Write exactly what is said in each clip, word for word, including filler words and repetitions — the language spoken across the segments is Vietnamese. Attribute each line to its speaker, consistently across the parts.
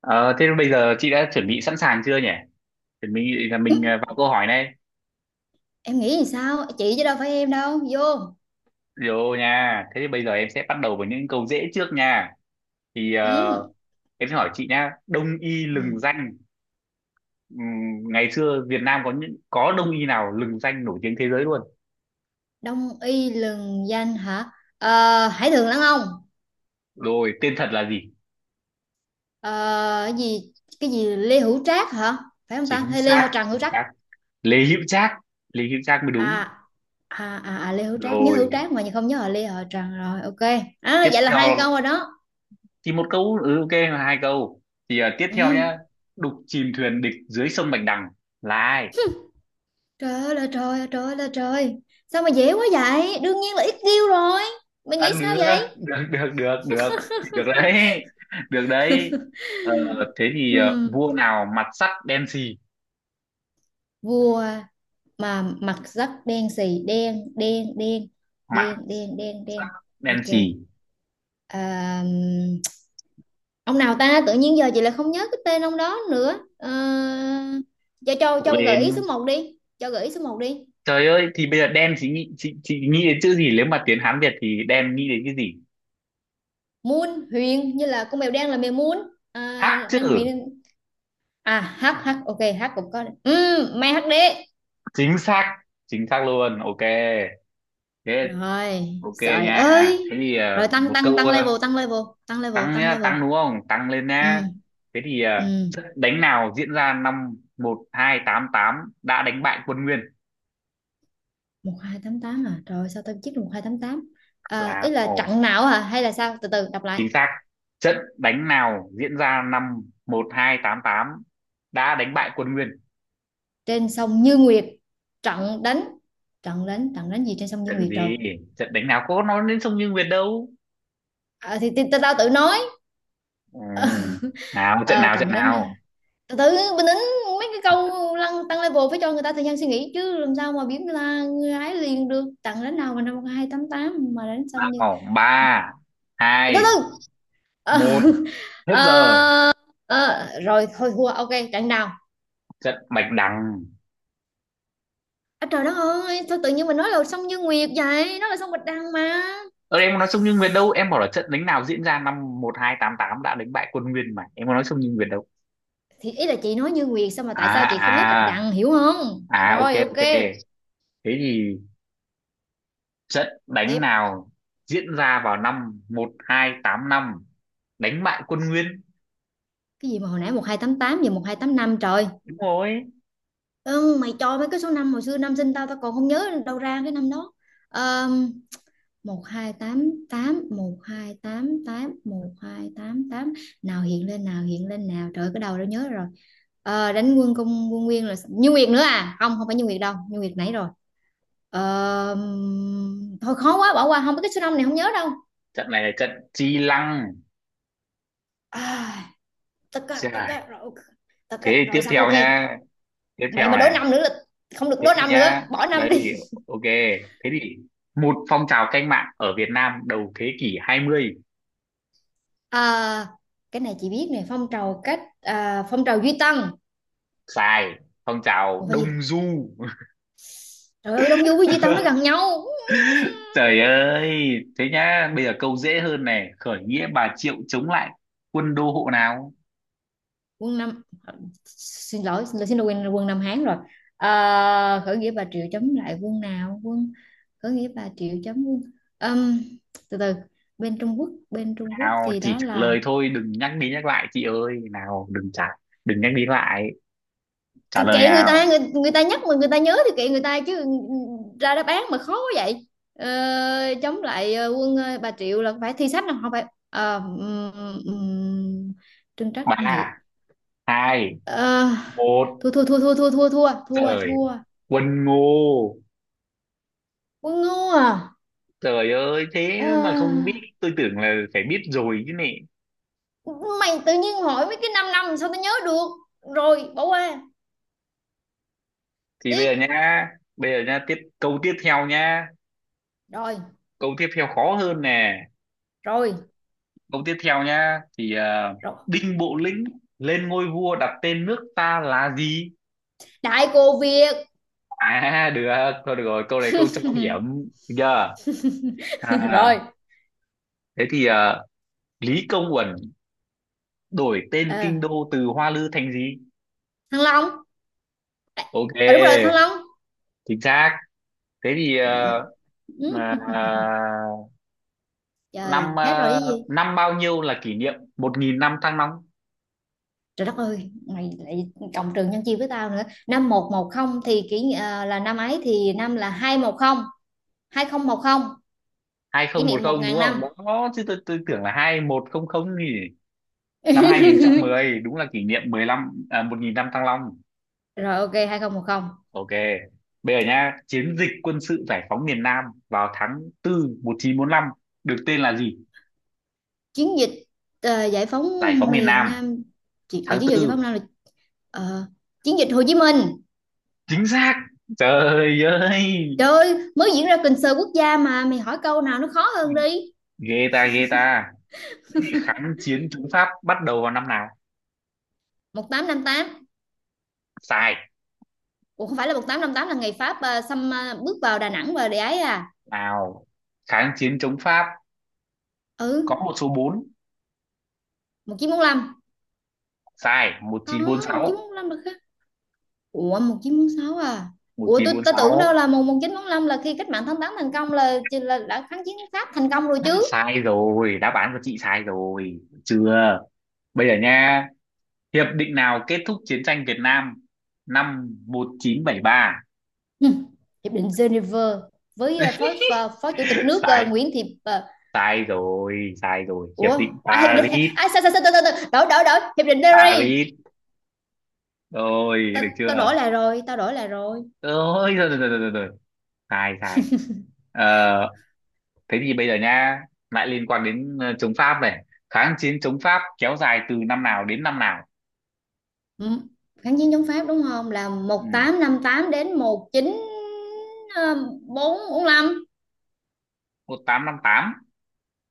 Speaker 1: Ờ, Thế bây giờ chị đã chuẩn bị sẵn sàng chưa nhỉ? Chuẩn bị là mình, à, vào câu hỏi này.
Speaker 2: Em nghĩ thì sao chị chứ đâu phải em đâu vô.
Speaker 1: Rồi nha. Thế thì bây giờ em sẽ bắt đầu với những câu dễ trước nha. Thì ờ,
Speaker 2: Ừ.
Speaker 1: em sẽ hỏi chị nha. Đông y lừng
Speaker 2: Ừ.
Speaker 1: danh. Ừm, ngày xưa Việt Nam có những có đông y nào lừng danh nổi tiếng thế giới luôn.
Speaker 2: Đông y lừng danh hả? Ờ, Hải thường lãng ông.
Speaker 1: Rồi tên thật là gì?
Speaker 2: Ờ, cái gì? Cái gì? Lê Hữu Trác hả? Phải không ta,
Speaker 1: Chính
Speaker 2: hay Lê Hữu
Speaker 1: xác,
Speaker 2: Trần Hữu
Speaker 1: chính
Speaker 2: Trác?
Speaker 1: xác. Lê Hữu Trác. Lê Hữu Trác mới
Speaker 2: à
Speaker 1: đúng.
Speaker 2: à à, à Lê Hữu Trác, nhớ Hữu
Speaker 1: Rồi
Speaker 2: Trác mà không nhớ là Lê Hữu Trần rồi. OK. À,
Speaker 1: tiếp
Speaker 2: vậy là
Speaker 1: theo
Speaker 2: hai câu rồi đó.
Speaker 1: thì một câu, ừ, ok, hai câu. Thì à, tiếp theo
Speaker 2: Ừ.
Speaker 1: nhá. Đục chìm thuyền địch dưới sông Bạch Đằng là ai?
Speaker 2: Trời ơi là trời, ơi trời ơi là trời. Sao mà dễ quá vậy, đương nhiên là ít kêu rồi. Mày
Speaker 1: À,
Speaker 2: nghĩ sao
Speaker 1: được,
Speaker 2: vậy?
Speaker 1: được, được, được, được. Thì được đấy, được đấy. ờ, Thế thì ờ,
Speaker 2: Ừ.
Speaker 1: vua nào mặt sắt đen xì.
Speaker 2: Vua mà mặt rất đen xì, đen đen đen,
Speaker 1: Mặt
Speaker 2: đen đen đen
Speaker 1: sắt
Speaker 2: đen.
Speaker 1: đen
Speaker 2: OK.
Speaker 1: xì.
Speaker 2: À, ông nào ta, tự nhiên giờ chị lại không nhớ cái tên ông đó nữa. À, cho cho
Speaker 1: Cố
Speaker 2: cho gợi ý
Speaker 1: lên.
Speaker 2: số một đi, cho gợi ý số một đi.
Speaker 1: Trời ơi, thì bây giờ đen chị nghĩ, chị, chị nghĩ đến chữ gì, nếu mà tiếng Hán Việt thì đen nghĩ đến cái gì?
Speaker 2: Moon Huyền, như là con mèo đen là mèo Moon. À,
Speaker 1: Hắc chữ.
Speaker 2: đang Huyền. À, H, H, OK, H cũng có. ừ, May hát HD
Speaker 1: Chính xác, chính xác luôn. Ok thế.
Speaker 2: rồi,
Speaker 1: Ok
Speaker 2: trời
Speaker 1: nha.
Speaker 2: ơi.
Speaker 1: Thế thì
Speaker 2: Rồi
Speaker 1: ờ,
Speaker 2: tăng
Speaker 1: một
Speaker 2: tăng
Speaker 1: câu
Speaker 2: tăng
Speaker 1: ờ,
Speaker 2: level, tăng level, tăng level,
Speaker 1: tăng
Speaker 2: tăng
Speaker 1: nhá,
Speaker 2: level.
Speaker 1: tăng đúng không, tăng lên nhá.
Speaker 2: Ừ.
Speaker 1: Thế thì à,
Speaker 2: Ừ.
Speaker 1: trận đánh nào diễn ra năm một hai tám tám đã đánh bại quân Nguyên?
Speaker 2: Một hai tám tám à? Rồi sao tao biết được một hai tám tám? À,
Speaker 1: Là
Speaker 2: ý là
Speaker 1: ồ,
Speaker 2: trận nào hả, hay là sao, từ từ đọc lại.
Speaker 1: chính xác. Trận đánh nào diễn ra năm một hai tám tám đã đánh bại quân Nguyên?
Speaker 2: Trên sông Như Nguyệt. Trận đánh, trận đánh trận đánh gì trên sông Như
Speaker 1: Trận
Speaker 2: Nguyệt rồi.
Speaker 1: gì? Trận đánh nào có nói đến sông Như Nguyệt đâu.
Speaker 2: À, thì, thì tao tao tự nói.
Speaker 1: Ừ. Nào, trận
Speaker 2: À,
Speaker 1: nào, trận
Speaker 2: trận đánh à?
Speaker 1: nào?
Speaker 2: Từ từ, bình tĩnh. Mấy cái câu lăng tăng level phải cho người ta thời gian suy nghĩ chứ, làm sao mà biết là người ta gái liền được trận đánh nào mà năm một hai tám tám mà đánh xong như.
Speaker 1: Ồ ba,
Speaker 2: Từ
Speaker 1: hai,
Speaker 2: từ. Ờ,
Speaker 1: một, hết giờ.
Speaker 2: ờ, rồi thôi, thua, OK, trận nào?
Speaker 1: Trận Bạch Đằng.
Speaker 2: À, trời đất ơi, sao tự nhiên mình nói là sông Như Nguyệt vậy? Nó là sông Bạch Đằng mà.
Speaker 1: Ờ em có nói sông nhưng Nguyệt đâu, em bảo là trận đánh nào diễn ra năm một hai tám tám đã đánh bại quân Nguyên mà. Em có nói sông nhưng Nguyệt đâu.
Speaker 2: Thì ý là chị nói Như Nguyệt sao, mà tại
Speaker 1: À,
Speaker 2: sao chị không nhớ Bạch
Speaker 1: à,
Speaker 2: Đằng, hiểu không?
Speaker 1: à, ok,
Speaker 2: Rồi OK,
Speaker 1: ok. Thế thì trận đánh
Speaker 2: tiếp.
Speaker 1: nào diễn ra vào năm một hai tám năm đánh bại quân Nguyên?
Speaker 2: Cái gì mà hồi nãy một hai tám tám giờ một hai tám năm trời.
Speaker 1: Đúng rồi.
Speaker 2: Ừ, mày cho mấy cái số năm hồi xưa, năm sinh tao tao còn không nhớ đâu ra cái năm đó. Um, Một một một hai, hai tám tám, một hai tám tám, một hai tám tám nào hiện lên, nào hiện lên nào. Trời ơi, cái đầu đã nhớ rồi. Ờ, đánh quân, công quân Nguyên là Như Nguyệt nữa à? Không, không phải Như Nguyệt đâu, Như Nguyệt nãy rồi. Ờ, thôi khó quá bỏ qua, không biết, cái số năm này không nhớ đâu.
Speaker 1: Trận này là trận Chi Lăng.
Speaker 2: À, tất cả, tất
Speaker 1: Trời.
Speaker 2: cả rồi, tất
Speaker 1: Thế
Speaker 2: cả
Speaker 1: thì
Speaker 2: rồi,
Speaker 1: tiếp
Speaker 2: xong, OK.
Speaker 1: theo nha. Tiếp
Speaker 2: Mẹ
Speaker 1: theo
Speaker 2: mà đố
Speaker 1: này.
Speaker 2: năm nữa là không được,
Speaker 1: Thế
Speaker 2: đố
Speaker 1: thì
Speaker 2: năm nữa
Speaker 1: nhá.
Speaker 2: bỏ năm
Speaker 1: Đây thì
Speaker 2: đi.
Speaker 1: ok. Thế thì một phong trào cách mạng ở Việt Nam đầu thế kỷ hai mươi.
Speaker 2: À, cái này chị biết nè, phong trào cách, à, phong trào Duy Tân.
Speaker 1: Sai. Phong trào
Speaker 2: Ủa phải gì,
Speaker 1: Đông Du.
Speaker 2: trời ơi, Đông Du với Duy Tân nó gần nhau.
Speaker 1: Trời ơi, thế nhá, bây giờ câu dễ hơn này, khởi nghĩa Bà Triệu chống lại quân đô hộ nào?
Speaker 2: Quân Nam, xin lỗi xin lỗi, quên, quân Nam Hán rồi. Ờ, khởi nghĩa Bà Triệu chống lại quân nào, quân, khởi nghĩa Bà Triệu chống quân. Ừm, Từ từ. Bên Trung Quốc, bên Trung Quốc
Speaker 1: Nào,
Speaker 2: thì
Speaker 1: chỉ
Speaker 2: đó
Speaker 1: trả
Speaker 2: là.
Speaker 1: lời thôi, đừng nhắc đi nhắc lại chị ơi, nào, đừng trả, đừng nhắc đi lại,
Speaker 2: Kệ
Speaker 1: trả lời
Speaker 2: kệ người ta,
Speaker 1: nào.
Speaker 2: người, người ta nhắc mà người ta nhớ thì kệ người ta chứ. Ra đáp án mà khó quá vậy. Ờ, chống lại ờ, quân, ờ, Bà Triệu là phải Thi Sách không, không phải. Ờ, ừm, ừm, Trưng Trắc Trưng
Speaker 1: Ba,
Speaker 2: Nhị.
Speaker 1: hai,
Speaker 2: Ờ,
Speaker 1: một,
Speaker 2: thua thua thua, thua thua thua, thua thua
Speaker 1: trời,
Speaker 2: thua.
Speaker 1: quân Ngô.
Speaker 2: Quân ngu à.
Speaker 1: Trời ơi, thế mà không biết,
Speaker 2: À,
Speaker 1: tôi tưởng là phải biết rồi chứ nè.
Speaker 2: mày tự nhiên hỏi mấy cái 5 năm làm sao tao nhớ được, rồi bỏ qua,
Speaker 1: Thì bây
Speaker 2: tiếp.
Speaker 1: giờ nhá, bây giờ nhá, tiếp câu tiếp theo nhá,
Speaker 2: Rồi,
Speaker 1: câu tiếp theo khó hơn nè.
Speaker 2: rồi,
Speaker 1: Câu tiếp theo nhá thì à,
Speaker 2: rồi.
Speaker 1: Đinh Bộ Lĩnh lên ngôi vua đặt tên nước ta là gì?
Speaker 2: Đại cô Việt.
Speaker 1: À được, thôi được rồi, câu này câu trọng điểm. Được chưa? À,
Speaker 2: Rồi.
Speaker 1: thế thì à, Lý Công Uẩn đổi tên kinh
Speaker 2: À,
Speaker 1: đô từ Hoa Lư thành gì?
Speaker 2: Thăng Long.
Speaker 1: Ok,
Speaker 2: À, đúng rồi, Thăng Long.
Speaker 1: chính xác. Thế thì à, à,
Speaker 2: Ừ. Trời
Speaker 1: năm
Speaker 2: hết rồi,
Speaker 1: à,
Speaker 2: cái gì?
Speaker 1: năm bao nhiêu là kỷ niệm một nghìn năm Thăng Long?
Speaker 2: Trời đất ơi, mày lại cộng trừ nhân chia với tao nữa. Năm một một không thì kỷ ni-, à, là năm ấy thì năm là hai một không, hai không một không kỷ niệm một
Speaker 1: hai không một không đúng
Speaker 2: ngàn
Speaker 1: không?
Speaker 2: năm.
Speaker 1: Đó chứ tôi, tôi tưởng là hai một không không nhỉ. Năm hai không một không đúng là kỷ niệm mười lăm à, một nghìn năm Thăng Long.
Speaker 2: Rồi OK, hai không một không.
Speaker 1: Ok, bây giờ nhá, chiến dịch quân sự giải phóng miền Nam vào tháng bốn một chín bốn lăm được tên là gì?
Speaker 2: Chiến dịch ờ, giải phóng
Speaker 1: Giải phóng miền
Speaker 2: miền
Speaker 1: Nam
Speaker 2: Nam. Chị-, ở
Speaker 1: tháng
Speaker 2: chiến dịch giải
Speaker 1: tư.
Speaker 2: phóng Nam là, ờ, chiến dịch Hồ Chí Minh.
Speaker 1: Chính xác. Trời ơi.
Speaker 2: Trời ơi, mới diễn ra concert quốc gia mà, mày hỏi câu nào nó khó hơn đi.
Speaker 1: Ghê ta, ghê ta. Thế thì kháng chiến chống Pháp bắt đầu vào năm nào?
Speaker 2: Một tám năm tám.
Speaker 1: Sai.
Speaker 2: Ủa không phải là một tám năm tám là ngày Pháp ờ, xâm, ờ, bước vào Đà Nẵng và để ấy à.
Speaker 1: Nào, kháng chiến chống Pháp
Speaker 2: Ừ.
Speaker 1: có một số bốn.
Speaker 2: một chín bốn lăm.
Speaker 1: Sai.
Speaker 2: Không, một chín bốn lăm được khác. Ủa một chín bốn sáu à. Ủa tôi,
Speaker 1: 1946
Speaker 2: ta tưởng đâu
Speaker 1: sáu.
Speaker 2: là mùng một chín bốn lăm là khi cách mạng tháng tám thành công là là đã kháng chiến Pháp thành công rồi
Speaker 1: Đã
Speaker 2: chứ.
Speaker 1: sai rồi, đáp án của chị sai rồi, được chưa? Bây giờ nha, hiệp định nào kết thúc chiến tranh Việt Nam năm một nghìn chín trăm bảy mươi ba?
Speaker 2: Ừ. Hiệp định Geneva với ờ, phó, phó, phó chủ tịch nước ờ,
Speaker 1: Sai,
Speaker 2: Nguyễn Thị ờ,
Speaker 1: sai rồi, sai rồi, hiệp
Speaker 2: ủa
Speaker 1: định
Speaker 2: ai, hiệp định
Speaker 1: Paris,
Speaker 2: ai, sao sao sao sao, đổi đổi đổi, hiệp định Paris.
Speaker 1: Paris. Rồi,
Speaker 2: tao
Speaker 1: được
Speaker 2: tao
Speaker 1: chưa?
Speaker 2: đổi lại rồi, tao đổi lại rồi.
Speaker 1: Ôi, rồi, rồi, rồi, rồi, rồi, rồi. Sai, sai. Ờ, Thế thì bây giờ nha, lại liên quan đến ờ, chống Pháp này. Kháng chiến chống Pháp kéo dài từ năm nào đến năm nào?
Speaker 2: Ừ. Kháng chiến chống Pháp đúng không, là
Speaker 1: Ừ,
Speaker 2: một tám năm tám đến ờ, một chín bốn lăm.
Speaker 1: một nghìn tám trăm năm mươi tám,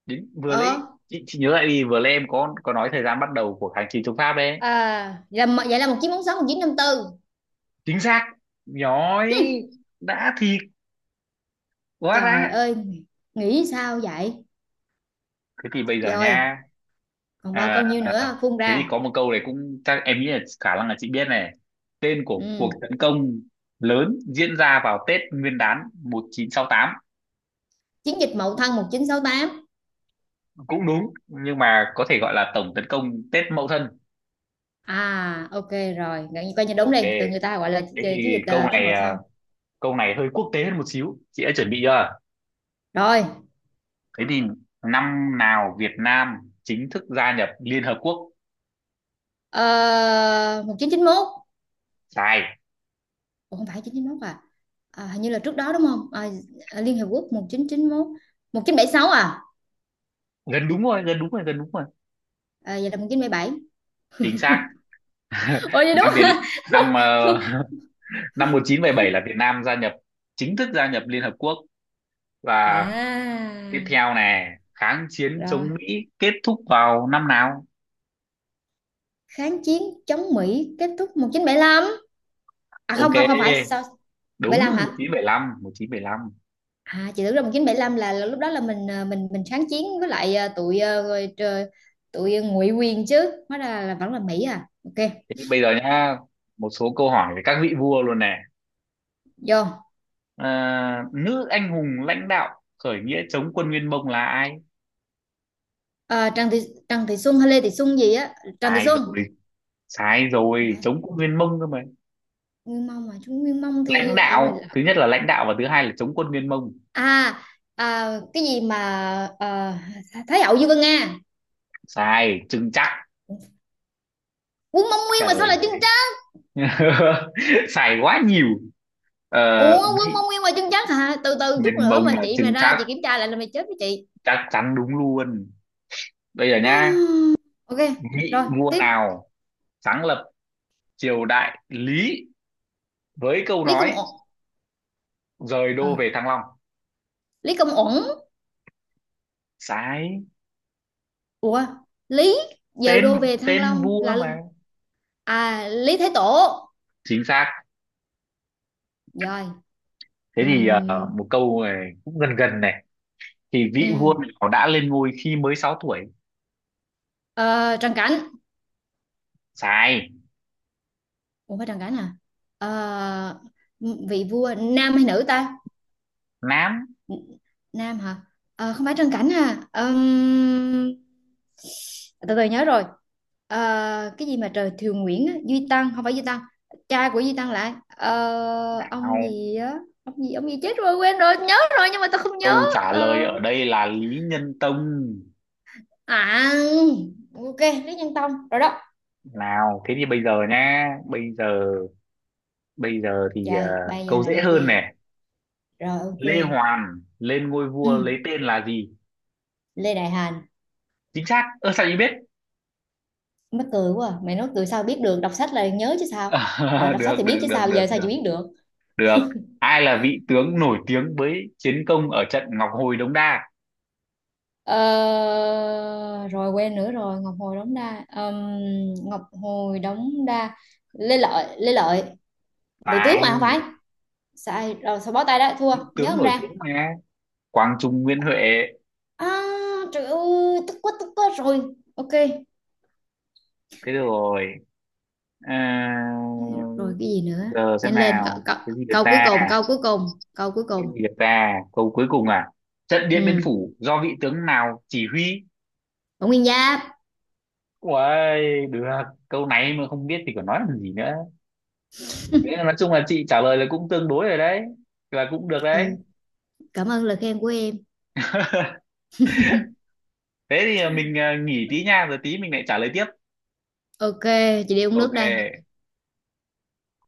Speaker 1: đến vừa lấy
Speaker 2: ờ
Speaker 1: chị, chị nhớ lại đi, vừa lấy em có có nói thời gian bắt đầu của kháng chiến chống Pháp đấy.
Speaker 2: À là vậy, là một chín bốn sáu, một chín năm tư.
Speaker 1: Chính xác. Nhói.
Speaker 2: Hmm.
Speaker 1: Đã thì quá
Speaker 2: Trời
Speaker 1: đã.
Speaker 2: ơi, nghĩ sao vậy?
Speaker 1: Thế thì bây giờ
Speaker 2: Rồi
Speaker 1: nha,
Speaker 2: còn bao
Speaker 1: à,
Speaker 2: câu nhiêu nữa phun
Speaker 1: thế thì
Speaker 2: ra.
Speaker 1: có một câu này cũng chắc em nghĩ là khả năng là chị biết này. Tên của cuộc
Speaker 2: Ừ.
Speaker 1: tấn công lớn diễn ra vào Tết Nguyên đán một nghìn chín trăm sáu mươi tám.
Speaker 2: Chiến dịch Mậu Thân một chín sáu tám.
Speaker 1: Cũng đúng nhưng mà có thể gọi là tổng tấn công Tết Mậu Thân.
Speaker 2: À OK, rồi, gần như coi như đúng
Speaker 1: Ok,
Speaker 2: đi, từ người ta gọi là
Speaker 1: thế
Speaker 2: chiến, chiến
Speaker 1: thì
Speaker 2: dịch
Speaker 1: câu
Speaker 2: ờ, Tết
Speaker 1: này
Speaker 2: Mậu
Speaker 1: à,
Speaker 2: Thân.
Speaker 1: câu này hơi quốc tế hơn một xíu, chị đã chuẩn bị chưa?
Speaker 2: Rồi, uh,
Speaker 1: Thế thì năm nào Việt Nam chính thức gia nhập Liên Hợp Quốc?
Speaker 2: một chín chín một.
Speaker 1: Sai.
Speaker 2: Ủa, không phải một chín chín một à? À, hình như là trước đó đúng không? À, à, Liên Hiệp Quốc, một chín chín một, một chín bảy sáu à?
Speaker 1: Gần đúng rồi, gần đúng rồi, gần đúng rồi.
Speaker 2: À, ờ, vậy là một chín bảy bảy.
Speaker 1: Chính xác.
Speaker 2: Ủa vậy đúng
Speaker 1: Năm Việt
Speaker 2: hả?
Speaker 1: năm ờ, năm một nghìn chín trăm bảy mươi bảy là Việt Nam gia nhập, chính thức gia nhập Liên Hợp Quốc. Và tiếp
Speaker 2: À,
Speaker 1: theo này, kháng chiến
Speaker 2: rồi,
Speaker 1: chống Mỹ kết thúc vào năm nào?
Speaker 2: kháng chiến chống Mỹ kết thúc một chín bảy lăm. À không
Speaker 1: Ok,
Speaker 2: không, không phải, sao?
Speaker 1: đúng.
Speaker 2: bảy lăm hả?
Speaker 1: một chín bảy lăm, lăm.
Speaker 2: À, chị tưởng là một chín bảy lăm là, là lúc đó là mình ờ, mình, mình kháng chiến với lại ờ, tụi, ờ, rồi trời, tụi ngụy quyền chứ, hóa ra là vẫn là Mỹ, à OK.
Speaker 1: Thế thì bây giờ nhá, một số câu hỏi về các vị vua luôn nè.
Speaker 2: Vô.
Speaker 1: Ờ, nữ anh hùng lãnh đạo khởi nghĩa chống quân Nguyên Mông là ai?
Speaker 2: À, Trần Thị, Trần Thị Xuân hay Lê Thị Xuân gì á. Trần Thị
Speaker 1: Ai
Speaker 2: Xuân.
Speaker 1: rồi. Sai
Speaker 2: Không
Speaker 1: rồi,
Speaker 2: phải à?
Speaker 1: chống quân Nguyên Mông cơ mà.
Speaker 2: Nguyên Mông mà, chúng Nguyên Mông thì
Speaker 1: Lãnh
Speaker 2: à, phải
Speaker 1: đạo
Speaker 2: là-.
Speaker 1: thứ nhất là lãnh đạo, và thứ hai là chống quân Nguyên Mông.
Speaker 2: À, à cái gì mà, à, Thái Hậu Dương Vân Nga.
Speaker 1: Sai chừng chắc.
Speaker 2: Quân Mông Nguyên mà
Speaker 1: Trời
Speaker 2: sao
Speaker 1: ơi.
Speaker 2: lại chân trắng.
Speaker 1: Sai quá nhiều. ờ,
Speaker 2: Ủa Quân
Speaker 1: Mỹ
Speaker 2: Mông Nguyên mà chân trắng hả, từ từ chút
Speaker 1: Nguyên
Speaker 2: nữa
Speaker 1: Mông
Speaker 2: mà
Speaker 1: là
Speaker 2: chị mà
Speaker 1: chừng
Speaker 2: ra
Speaker 1: chắc,
Speaker 2: chị kiểm tra lại là mày chết với chị.
Speaker 1: chắc chắn đúng luôn. Bây giờ nhá,
Speaker 2: Hmm, OK.
Speaker 1: vị
Speaker 2: Rồi,
Speaker 1: vua
Speaker 2: tiếp.
Speaker 1: nào sáng lập triều đại Lý với câu
Speaker 2: Lý Công
Speaker 1: nói
Speaker 2: Uẩn.
Speaker 1: rời đô về Thăng Long?
Speaker 2: Lý Công Uẩn.
Speaker 1: Sai.
Speaker 2: Ủa, Lý, giờ
Speaker 1: Tên
Speaker 2: đô
Speaker 1: mà,
Speaker 2: về Thăng
Speaker 1: tên
Speaker 2: Long
Speaker 1: vua
Speaker 2: là.
Speaker 1: mà.
Speaker 2: À, Lý Thái Tổ.
Speaker 1: Chính xác.
Speaker 2: Rồi.
Speaker 1: Thế thì ờ,
Speaker 2: Ừm,
Speaker 1: một câu này cũng gần gần này, thì vị vua
Speaker 2: ừm.
Speaker 1: nào đã lên ngôi khi mới sáu tuổi?
Speaker 2: Ờ, Trần Cảnh.
Speaker 1: Sai.
Speaker 2: Ủa phải Trần Cảnh à. Ờ, vị vua nam hay nữ ta.
Speaker 1: Nám.
Speaker 2: Nam hả. Ờ, không phải Trần Cảnh à. Ừm, từ từ nhớ rồi. Ờ, cái gì mà trời Thiều Nguyễn á, Duy Tăng, không phải Duy Tăng. Cha của Duy Tăng lại ờ, ông
Speaker 1: Nào,
Speaker 2: gì á, ông gì ông gì, chết rồi quên rồi, nhớ rồi nhưng mà tao không nhớ.
Speaker 1: câu trả lời
Speaker 2: Ờ,
Speaker 1: ở đây là Lý Nhân Tông.
Speaker 2: À, OK, Lý Nhân Tông rồi đó.
Speaker 1: Nào, thế thì bây giờ nhá, bây giờ bây giờ thì ờ,
Speaker 2: Trời, bây giờ
Speaker 1: câu
Speaker 2: là
Speaker 1: dễ
Speaker 2: cái
Speaker 1: hơn
Speaker 2: gì?
Speaker 1: này.
Speaker 2: Rồi OK.
Speaker 1: Lê Hoàn lên ngôi
Speaker 2: Ừ,
Speaker 1: vua lấy tên là gì?
Speaker 2: Lê Đại Hành.
Speaker 1: Chính xác. Ơ sao chị biết?
Speaker 2: Mắc cười quá. À. Mày nói cười sao biết được, đọc sách là nhớ chứ sao? Đã đọc sách
Speaker 1: Được,
Speaker 2: thì biết
Speaker 1: được,
Speaker 2: chứ
Speaker 1: được,
Speaker 2: sao, bây
Speaker 1: được,
Speaker 2: giờ sao chị
Speaker 1: được,
Speaker 2: biết được?
Speaker 1: được. Ai là vị tướng nổi tiếng với chiến công ở trận Ngọc Hồi Đống Đa?
Speaker 2: Ờ, rồi quên nữa rồi, Ngọc Hồi Đống Đa. Ờm, Ngọc Hồi Đống Đa. Lê Lợi, Lê Lợi, bị tướng
Speaker 1: Phải.
Speaker 2: mà không phải. Sai, rồi sao, bó tay đó, thua,
Speaker 1: Vị
Speaker 2: nhớ
Speaker 1: tướng
Speaker 2: không
Speaker 1: nổi
Speaker 2: ra.
Speaker 1: tiếng mà. Quang Trung Nguyễn Huệ.
Speaker 2: À, trời ơi, tức quá tức quá rồi. OK,
Speaker 1: Thế rồi. À,
Speaker 2: rồi cái gì nữa,
Speaker 1: giờ xem
Speaker 2: nhanh lên câu,
Speaker 1: nào,
Speaker 2: câu,
Speaker 1: cái gì được
Speaker 2: câu cuối
Speaker 1: ta?
Speaker 2: cùng, câu cuối cùng, câu cuối cùng.
Speaker 1: Nên Việt ta câu cuối cùng à. Trận Điện Biên
Speaker 2: Ừ.
Speaker 1: Phủ do vị tướng nào chỉ huy?
Speaker 2: Bổng Nguyên Giáp.
Speaker 1: Uầy, được. Câu này mà không biết thì còn nói làm gì nữa. Thế là nói chung là chị trả lời là cũng tương đối rồi đấy, là cũng được đấy.
Speaker 2: Ừ, cảm ơn lời khen của em.
Speaker 1: Thế thì mình à, nghỉ tí nha, rồi tí mình lại trả lời tiếp.
Speaker 2: OK, chị đi uống nước đây.
Speaker 1: Ok.